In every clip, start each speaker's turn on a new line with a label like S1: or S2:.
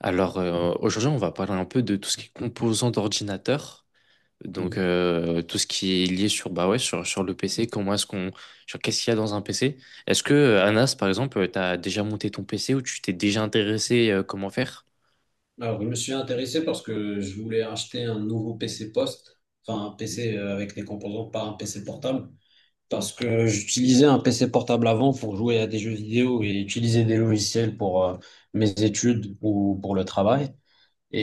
S1: Alors, aujourd'hui, on va parler un peu de tout ce qui est composants d'ordinateur. Donc,
S2: Mhm.
S1: tout ce qui est lié sur bah ouais sur le PC, comment est-ce qu'on sur qu'est-ce qu'il y a dans un PC? Est-ce que Anas par exemple, tu as déjà monté ton PC ou tu t'es déjà intéressé, comment faire?
S2: Alors, je me suis intéressé parce que je voulais acheter un nouveau PC post, enfin un
S1: Mhm.
S2: PC avec des composants, pas un PC portable, parce que j'utilisais un PC portable avant pour jouer à des jeux vidéo et utiliser des logiciels pour mes études ou pour le travail.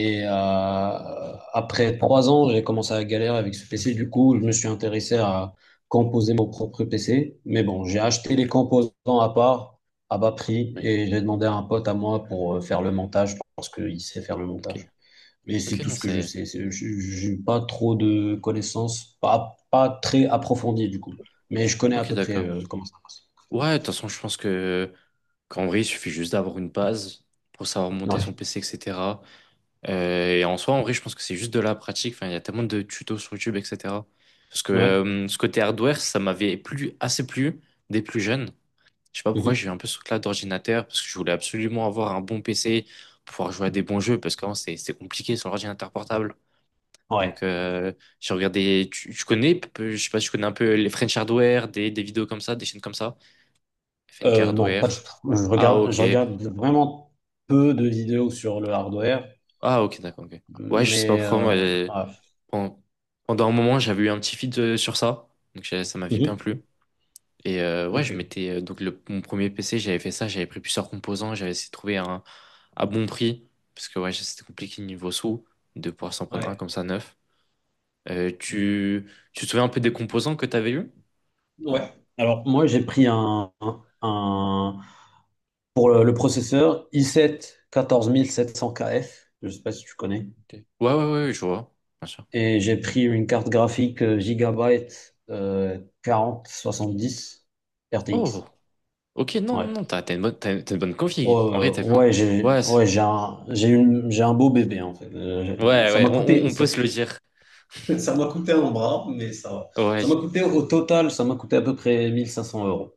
S1: Ok,
S2: après 3 ans, j'ai commencé à galérer avec ce PC. Du coup, je me suis intéressé à composer mon propre PC. Mais bon, j'ai
S1: ok.
S2: acheté les composants à part, à bas prix,
S1: Oui.
S2: et j'ai demandé à un pote à moi pour faire le montage, parce qu'il sait faire le
S1: Ok.
S2: montage. Mais c'est
S1: Ok,
S2: tout
S1: non,
S2: ce que je
S1: c'est.
S2: sais. J'ai pas trop de connaissances, pas très approfondies du coup. Mais je connais à
S1: OK,
S2: peu près
S1: d'accord.
S2: comment ça passe.
S1: Ouais, de toute façon, je pense que qu'en vrai, il suffit juste d'avoir une base pour savoir monter son
S2: Ouais.
S1: PC, etc. Et en soi, en vrai, je pense que c'est juste de la pratique. Enfin, il y a tellement de tutos sur YouTube, etc. Parce que
S2: Ouais.
S1: ce côté hardware, ça m'avait plu, assez plu dès plus jeune. Je sais pas pourquoi j'ai
S2: Mhm.
S1: eu un peu ce truc-là d'ordinateur, parce que je voulais absolument avoir un bon PC pour pouvoir jouer à des bons jeux, parce qu'avant, c'est compliqué sur l'ordinateur portable. Donc,
S2: Ouais.
S1: j'ai regardé, je sais pas si tu connais un peu les French Hardware, des vidéos comme ça, des chaînes comme ça. FNK
S2: Non, pas du
S1: Hardware.
S2: tout. Je
S1: Ah,
S2: regarde, je
S1: ok.
S2: regarde vraiment peu de vidéos sur le hardware,
S1: Ah, ok, d'accord, ok. Ouais, je sais pas
S2: mais
S1: pourquoi, moi.
S2: ah.
S1: Pen- Pendant un moment, j'avais eu un petit feed, sur ça, donc ça m'avait bien
S2: Mhm.
S1: plu. Et, ouais, je
S2: Ok.
S1: m'étais donc mon premier PC, j'avais fait ça, j'avais pris plusieurs composants, j'avais essayé de trouver un à bon prix parce que ouais, c'était compliqué niveau sous de pouvoir s'en prendre un
S2: Ouais.
S1: comme ça neuf. Euh,
S2: Ok.
S1: tu, tu te souviens un peu des composants que t'avais eu?
S2: Ouais. Alors moi j'ai pris pour le processeur i7 14700KF, je sais pas si tu connais,
S1: Ok. Ouais, ouais, ouais, ouais, je vois, bien sûr.
S2: et j'ai pris une carte graphique Gigabyte 4070
S1: Oh,
S2: RTX.
S1: ok, non,
S2: Ouais.
S1: non, non, t'as une bonne, t'as une bonne
S2: Ouais,
S1: config. En vrai,
S2: ouais,
S1: t'as bien.
S2: ouais, j'ai
S1: Ouais,
S2: ouais, j'ai un beau bébé en fait.
S1: ouais,
S2: Ça
S1: ouais,
S2: m'a
S1: on, on-
S2: coûté.
S1: on peut se le dire.
S2: Ça m'a coûté un bras, mais ça va. Ça
S1: Ouais,
S2: m'a coûté au total, ça m'a coûté à peu près 1500 euros.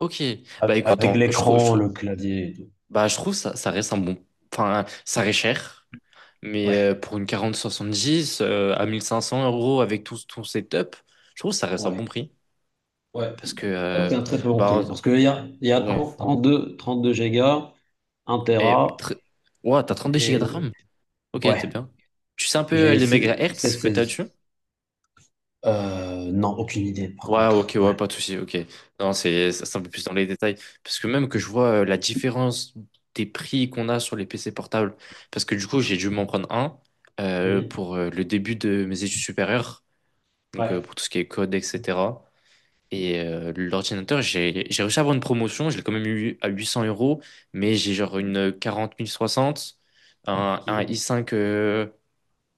S1: ok. Bah écoute,
S2: Avec
S1: je trouve.
S2: l'écran, le clavier et tout.
S1: Bah, je trouve ça, ça reste un bon. Enfin, ça reste cher, mais
S2: Ouais,
S1: pour une 4070, à 1 500 € avec tout ton setup, je trouve que ça reste un bon
S2: ouais,
S1: prix.
S2: ouais.
S1: Parce que,
S2: C'est un très très bon
S1: bah,
S2: prix. Parce qu'il y a
S1: ouais.
S2: trente-deux gigas, un
S1: Et,
S2: Tera,
S1: ouah, t'as 2 Go de
S2: et
S1: RAM. Ok, t'es
S2: ouais,
S1: bien. Tu sais un peu,
S2: j'ai
S1: les
S2: seize.
S1: mégahertz que t'as
S2: seize.
S1: dessus?
S2: Non, aucune idée par
S1: Ouais, ok,
S2: contre. Ouais.
S1: ouais, pas de souci, ok. Non, c'est un peu plus dans les détails. Parce que même que je vois, la différence des prix qu'on a sur les PC portables, parce que du coup, j'ai dû m'en prendre un,
S2: Mhm.
S1: pour, le début de mes études supérieures, donc,
S2: Ouais.
S1: pour tout ce qui est code, etc. Et, l'ordinateur, j'ai réussi à avoir une promotion, je l'ai quand même eu à 800 euros, mais j'ai genre une 40 060, un
S2: Mhm.
S1: i5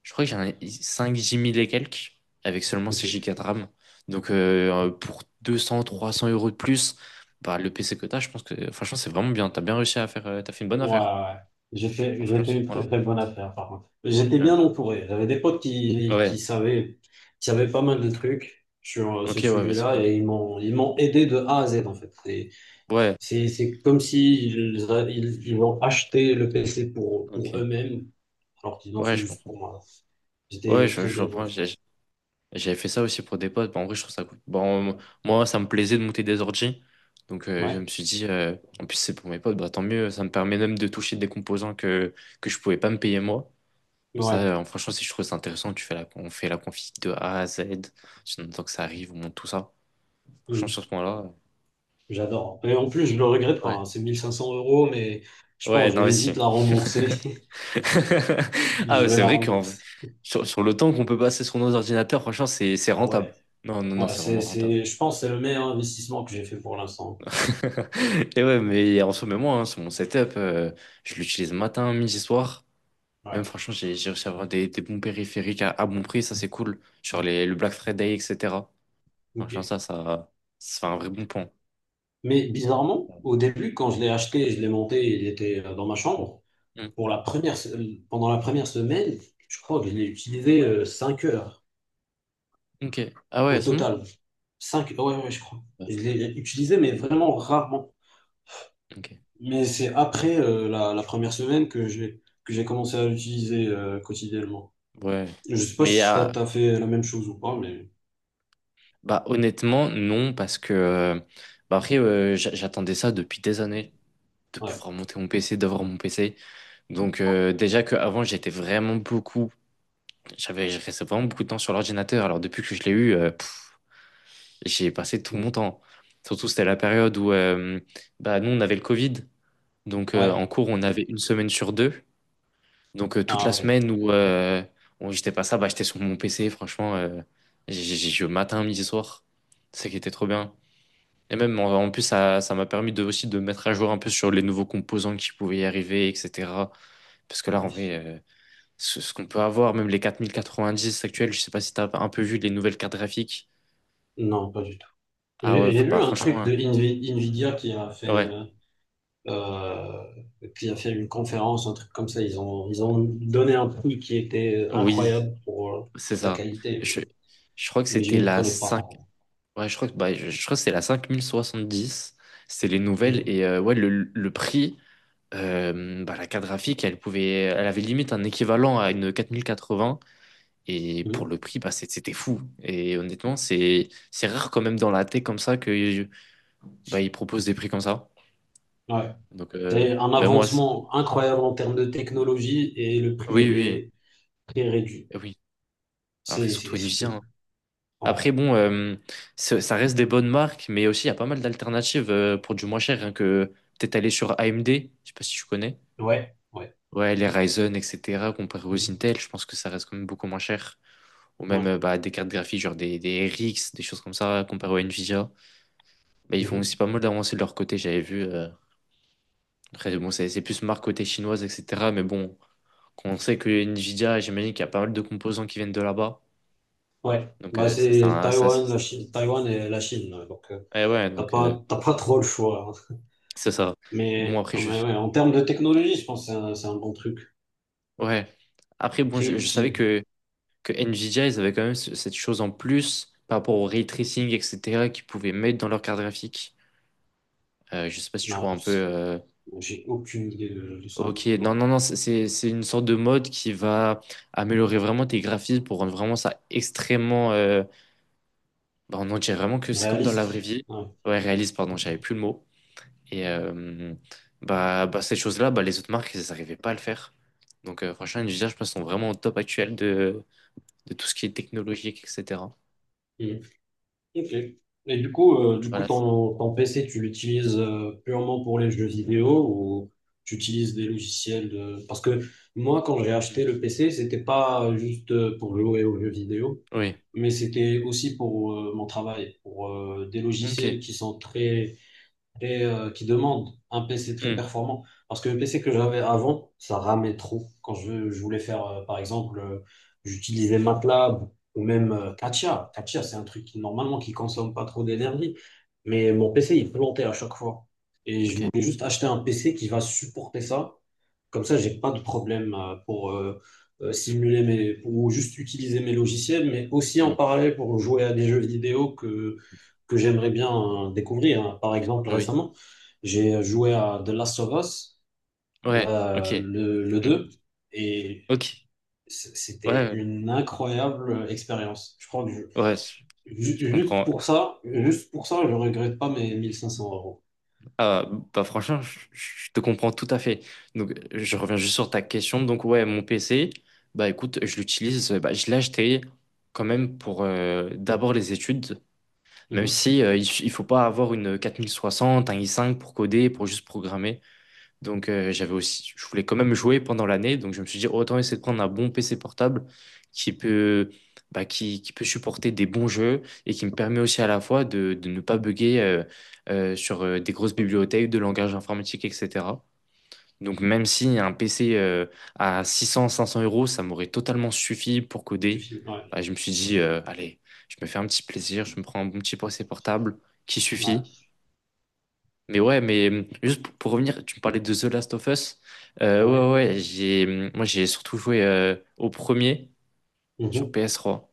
S1: je crois que j'en ai 5 Jimmy et quelques avec seulement 6 Go
S2: Ok.
S1: de RAM. Donc, pour 200, 300 € de plus, bah, le PC que t'as, je pense que franchement c'est vraiment bien. T'as bien réussi à faire, t'as fait une bonne
S2: Ouais, ouais,
S1: affaire
S2: ouais. J'ai
S1: en
S2: fait,
S1: faisant
S2: j'ai fait
S1: ce
S2: une très,
S1: point-là.
S2: très bonne affaire, par contre. J'étais
S1: Ouais.
S2: bien entouré. J'avais des potes qui,
S1: Ouais.
S2: qui savaient, qui savaient pas mal de trucs sur
S1: Ok,
S2: ce
S1: ouais, ouais, bah, c'est
S2: sujet-là
S1: cool.
S2: et ils m'ont aidé de A à Z, en fait. C'est,
S1: Ouais,
S2: c'est, c'est comme s'ils ils, a- ils, ils ont acheté le PC pour,
S1: ok.
S2: eux-mêmes, alors qu'ils l'ont
S1: Ouais,
S2: fait
S1: je
S2: juste
S1: comprends.
S2: pour moi.
S1: Ouais,
S2: J'étais
S1: je,
S2: très
S1: je
S2: bien
S1: comprends.
S2: entouré.
S1: J'avais fait ça aussi pour des potes. Bah, en vrai, je trouve ça cool. Bon, moi, ça me plaisait de monter des ordi. Donc, je me
S2: Ouais,
S1: suis dit, en plus c'est pour mes potes, bah tant mieux. Ça me permet même de toucher des composants que je pouvais pas me payer moi. Donc
S2: ouais.
S1: ça, franchement, si je trouve ça intéressant, on fait la config de A à Z, en attend que ça arrive, on monte tout ça. Franchement, sur
S2: Mm.
S1: ce point-là,
S2: J'adore. Et en plus, je le regrette pas,
S1: ouais.
S2: hein. C'est 1500 euros, mais je
S1: Ouais,
S2: pense, je vais
S1: d'investi.
S2: vite la rembourser.
S1: Ah,
S2: Je
S1: ouais,
S2: vais
S1: c'est
S2: la
S1: vrai qu'en vrai,
S2: rembourser.
S1: sur le temps qu'on peut passer sur nos ordinateurs, franchement, c'est
S2: Ah,
S1: rentable.
S2: ouais.
S1: Non, non, non,
S2: Ouais,
S1: c'est vraiment rentable.
S2: je pense que c'est le meilleur investissement que j'ai fait pour l'instant.
S1: Et ouais, mais en ce moment, hein, sur mon setup, je l'utilise matin, midi, soir. Même
S2: Ouais.
S1: franchement, j'ai réussi à avoir des bons périphériques à bon prix, ça c'est cool. Genre le Black Friday, etc.
S2: Ok.
S1: Franchement, ça fait un vrai bon point.
S2: Mais bizarrement, au début, quand je l'ai acheté et je l'ai monté, il était dans ma chambre. Pour la première, se- pendant la première semaine, je crois que je l'ai utilisé 5 heures
S1: Ok. Ah ouais,
S2: au
S1: c'est bon?
S2: total. Cinq, ouais, ouais, je crois.
S1: Ouais.
S2: Je l'ai utilisé, mais vraiment rarement.
S1: Ok.
S2: Mais c'est après la première semaine que j'ai commencé à l'utiliser quotidiennement.
S1: Ouais.
S2: Je sais pas
S1: Mais
S2: si ça
S1: ah,
S2: t'a fait la même chose ou pas, mais
S1: bah, honnêtement, non, parce que bah, après, j'attendais ça depuis des années, de
S2: ouais.
S1: pouvoir monter mon PC, d'avoir mon PC. Donc, déjà qu'avant, j'étais vraiment beaucoup, je restais vraiment beaucoup de temps sur l'ordinateur. Alors depuis que je l'ai eu, j'ai passé tout
S2: Mm.
S1: mon temps. Surtout, c'était la période où, bah, nous, on avait le Covid. Donc, en
S2: Ouais.
S1: cours, on avait une semaine sur deux. Donc, toute la
S2: Ah, ouais.
S1: semaine où j'étais pas ça, bah, j'étais sur mon PC, franchement, je matin, midi, soir. C'est ça qui était trop bien. Et même en plus, ça m'a permis aussi de me mettre à jour un peu sur les nouveaux composants qui pouvaient y arriver, etc. Parce que là, en
S2: Nice.
S1: vrai, ce qu'on peut avoir, même les 4090 actuels, je sais pas si t'as un peu vu les nouvelles cartes graphiques.
S2: Non, pas du tout.
S1: Ah ouais,
S2: J'ai
S1: bah
S2: vu un
S1: franchement,
S2: truc
S1: hein.
S2: de Nvidia
S1: Ouais,
S2: euh, qui a fait une conférence, un truc comme ça. Ils ont donné un prix qui était
S1: oui,
S2: incroyable pour
S1: c'est
S2: la
S1: ça. Je,
S2: qualité,
S1: je crois que
S2: mais je
S1: c'était
S2: m'y
S1: la
S2: connais pas.
S1: 5. Ouais, je crois que, bah, je crois que c'est la 5070. C'est les nouvelles. Et,
S2: Mhm.
S1: ouais, le prix, bah, la carte graphique, elle avait limite un équivalent à une quatre quatre-vingts mille quatre-vingts. Et pour le
S2: Mhm.
S1: prix, bah, c'était fou. Et honnêtement, c'est rare quand même dans la tech comme ça que, bah, ils proposent des prix comme ça.
S2: Ouais.
S1: Donc,
S2: C'est un
S1: même moi,
S2: avancement incroyable en termes de technologie et le prix,
S1: oui,
S2: il
S1: oui,
S2: est très réduit.
S1: eh oui. Après,
S2: C'est,
S1: surtout
S2: c'est-
S1: Nvidia, hein.
S2: Ouais,
S1: Après, bon, ça reste des bonnes marques, mais aussi, il y a pas mal d'alternatives, pour du moins cher, hein, que peut-être aller sur AMD, je sais pas si tu connais.
S2: ouais, ouais.
S1: Ouais, les Ryzen, etc., comparé aux
S2: Mhm.
S1: Intel, je pense que ça reste quand même beaucoup moins cher. Ou
S2: Ouais.
S1: même, bah, des cartes graphiques, genre des RX, des choses comme ça, comparé aux Nvidia. Bah, ils font
S2: Mhm.
S1: aussi pas mal d'avancées de leur côté, j'avais vu. Après, bon, c'est plus marque côté chinoise, etc. Mais bon, quand on sait que Nvidia, j'imagine qu'il y a pas mal de composants qui viennent de là-bas.
S2: Ouais.
S1: Donc,
S2: Bah, c'est Taïwan, la Chine, Taïwan et la Chine. Donc, euh,
S1: eh ouais,
S2: T'as
S1: donc,
S2: pas, t'as pas trop le choix, hein.
S1: c'est ça. Bon,
S2: Mais,
S1: après,
S2: ah,
S1: je.
S2: mais ouais, en termes de technologie, je pense que c'est un, bon truc,
S1: Ouais. Après, bon,
S2: très
S1: je savais
S2: utile.
S1: que Nvidia, ils avaient quand même cette chose en plus par rapport au ray tracing, etc., qu'ils pouvaient mettre dans leur carte graphique. Je sais pas si tu
S2: Non,
S1: vois un peu,
S2: j'ai aucune idée de ça.
S1: ok, non,
S2: Bon,
S1: non, non, c'est une sorte de mode qui va améliorer vraiment tes graphismes pour rendre vraiment ça extrêmement, bah, on en dirait vraiment que c'est comme dans la vraie
S2: réaliste.
S1: vie.
S2: Ouais.
S1: Ouais, réaliste, pardon, j'avais plus le mot. Et, bah, bah, cette chose-là, bah, les autres marques, elles n'arrivaient pas à le faire. Donc, franchement, Nvidia, je pense, sont vraiment au top actuel de tout ce qui est technologique, etc.
S2: Mhm. Ok. Et du coup,
S1: Voilà.
S2: ton PC, tu l'utilises purement pour les jeux vidéo ou tu utilises des logiciels de… Parce que moi, quand j'ai
S1: Mm.
S2: acheté le PC, c'était pas juste pour jouer aux jeux vidéo,
S1: Oui.
S2: mais c'était aussi pour mon travail, pour des logiciels
S1: Ok.
S2: qui demande un PC très
S1: Hmm.
S2: performant. Parce que le PC que j'avais avant, ça ramait trop. Quand je voulais faire, par exemple, j'utilisais MATLAB ou même
S1: D'accord.
S2: Katia. Katia, c'est un truc qui, normalement, qui consomme pas trop d'énergie. Mais mon PC, il plantait à chaque fois. Et je
S1: Ok.
S2: voulais juste acheter un PC qui va supporter ça. Comme ça, j'ai pas de problème pour pour juste utiliser mes logiciels, mais aussi
S1: Hmm.
S2: en parallèle pour jouer à des jeux vidéo que j'aimerais bien découvrir, hein. Par exemple,
S1: Oui.
S2: récemment, j'ai joué à The Last of Us,
S1: Ouais. Ok.
S2: le
S1: Hmm.
S2: 2, et
S1: Ok.
S2: c-
S1: Ouais.
S2: c'était
S1: Ouais.
S2: une incroyable expérience. Je crois que
S1: Ouais, Je je comprends.
S2: juste pour ça, je regrette pas mes 1500 euros.
S1: Ah, bah franchement, je te comprends tout à fait. Donc, je reviens juste sur ta question. Donc, ouais, mon PC, bah écoute, je l'utilise. Bah, je l'ai acheté quand même pour, d'abord les études, même
S2: Mhm.
S1: si, il faut pas avoir une 4060, un i5 pour coder, pour juste programmer. Donc, j'avais aussi, je voulais quand même jouer pendant l'année, donc je me suis dit autant essayer de prendre un bon PC portable qui peut, bah, qui peut supporter des bons jeux et qui me permet aussi à la fois de ne pas bugger, sur, des grosses bibliothèques de langage informatique, etc. Donc même si un PC, à 600, 500 euros, ça m'aurait totalement suffi pour coder,
S2: Suffit. Ouais.
S1: bah, je me suis dit, allez, je me fais un petit plaisir, je me prends un bon petit PC portable qui suffit
S2: Ouais.
S1: mais ouais, mais, juste pour revenir, tu me parlais de The Last of Us. Euh,
S2: Ouais.
S1: ouais, ouais, moi j'ai surtout joué, au premier sur
S2: Mhm.
S1: PS3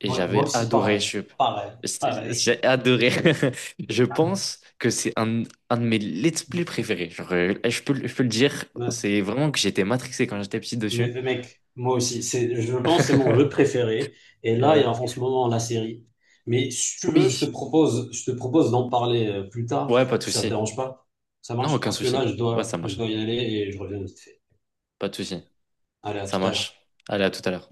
S1: et
S2: Ouais, moi
S1: j'avais
S2: aussi,
S1: adoré.
S2: pareil. Pareil. Pareil.
S1: J'ai adoré. Je pense que c'est un de mes let's play préférés. Genre, je peux, je peux le dire,
S2: Ouais.
S1: c'est vraiment que j'étais matrixé quand j'étais petit
S2: Mais
S1: dessus.
S2: mais mec, moi aussi, je pense que c'est mon jeu préféré. Et
S1: Et
S2: là, il y a
S1: ouais.
S2: en ce moment la série. Mais si tu veux, je te
S1: Oui,
S2: propose, je te propose d'en parler plus tard,
S1: ouais, pas de
S2: si ça te
S1: souci.
S2: dérange pas. Ça
S1: Non,
S2: marche?
S1: aucun
S2: Parce que
S1: souci.
S2: là, je
S1: Ouais,
S2: dois,
S1: ça
S2: je
S1: marche.
S2: dois y aller et je reviens vite fait.
S1: Pas de souci.
S2: Allez, à
S1: Ça
S2: tout à
S1: marche.
S2: l'heure.
S1: Allez, à tout à l'heure.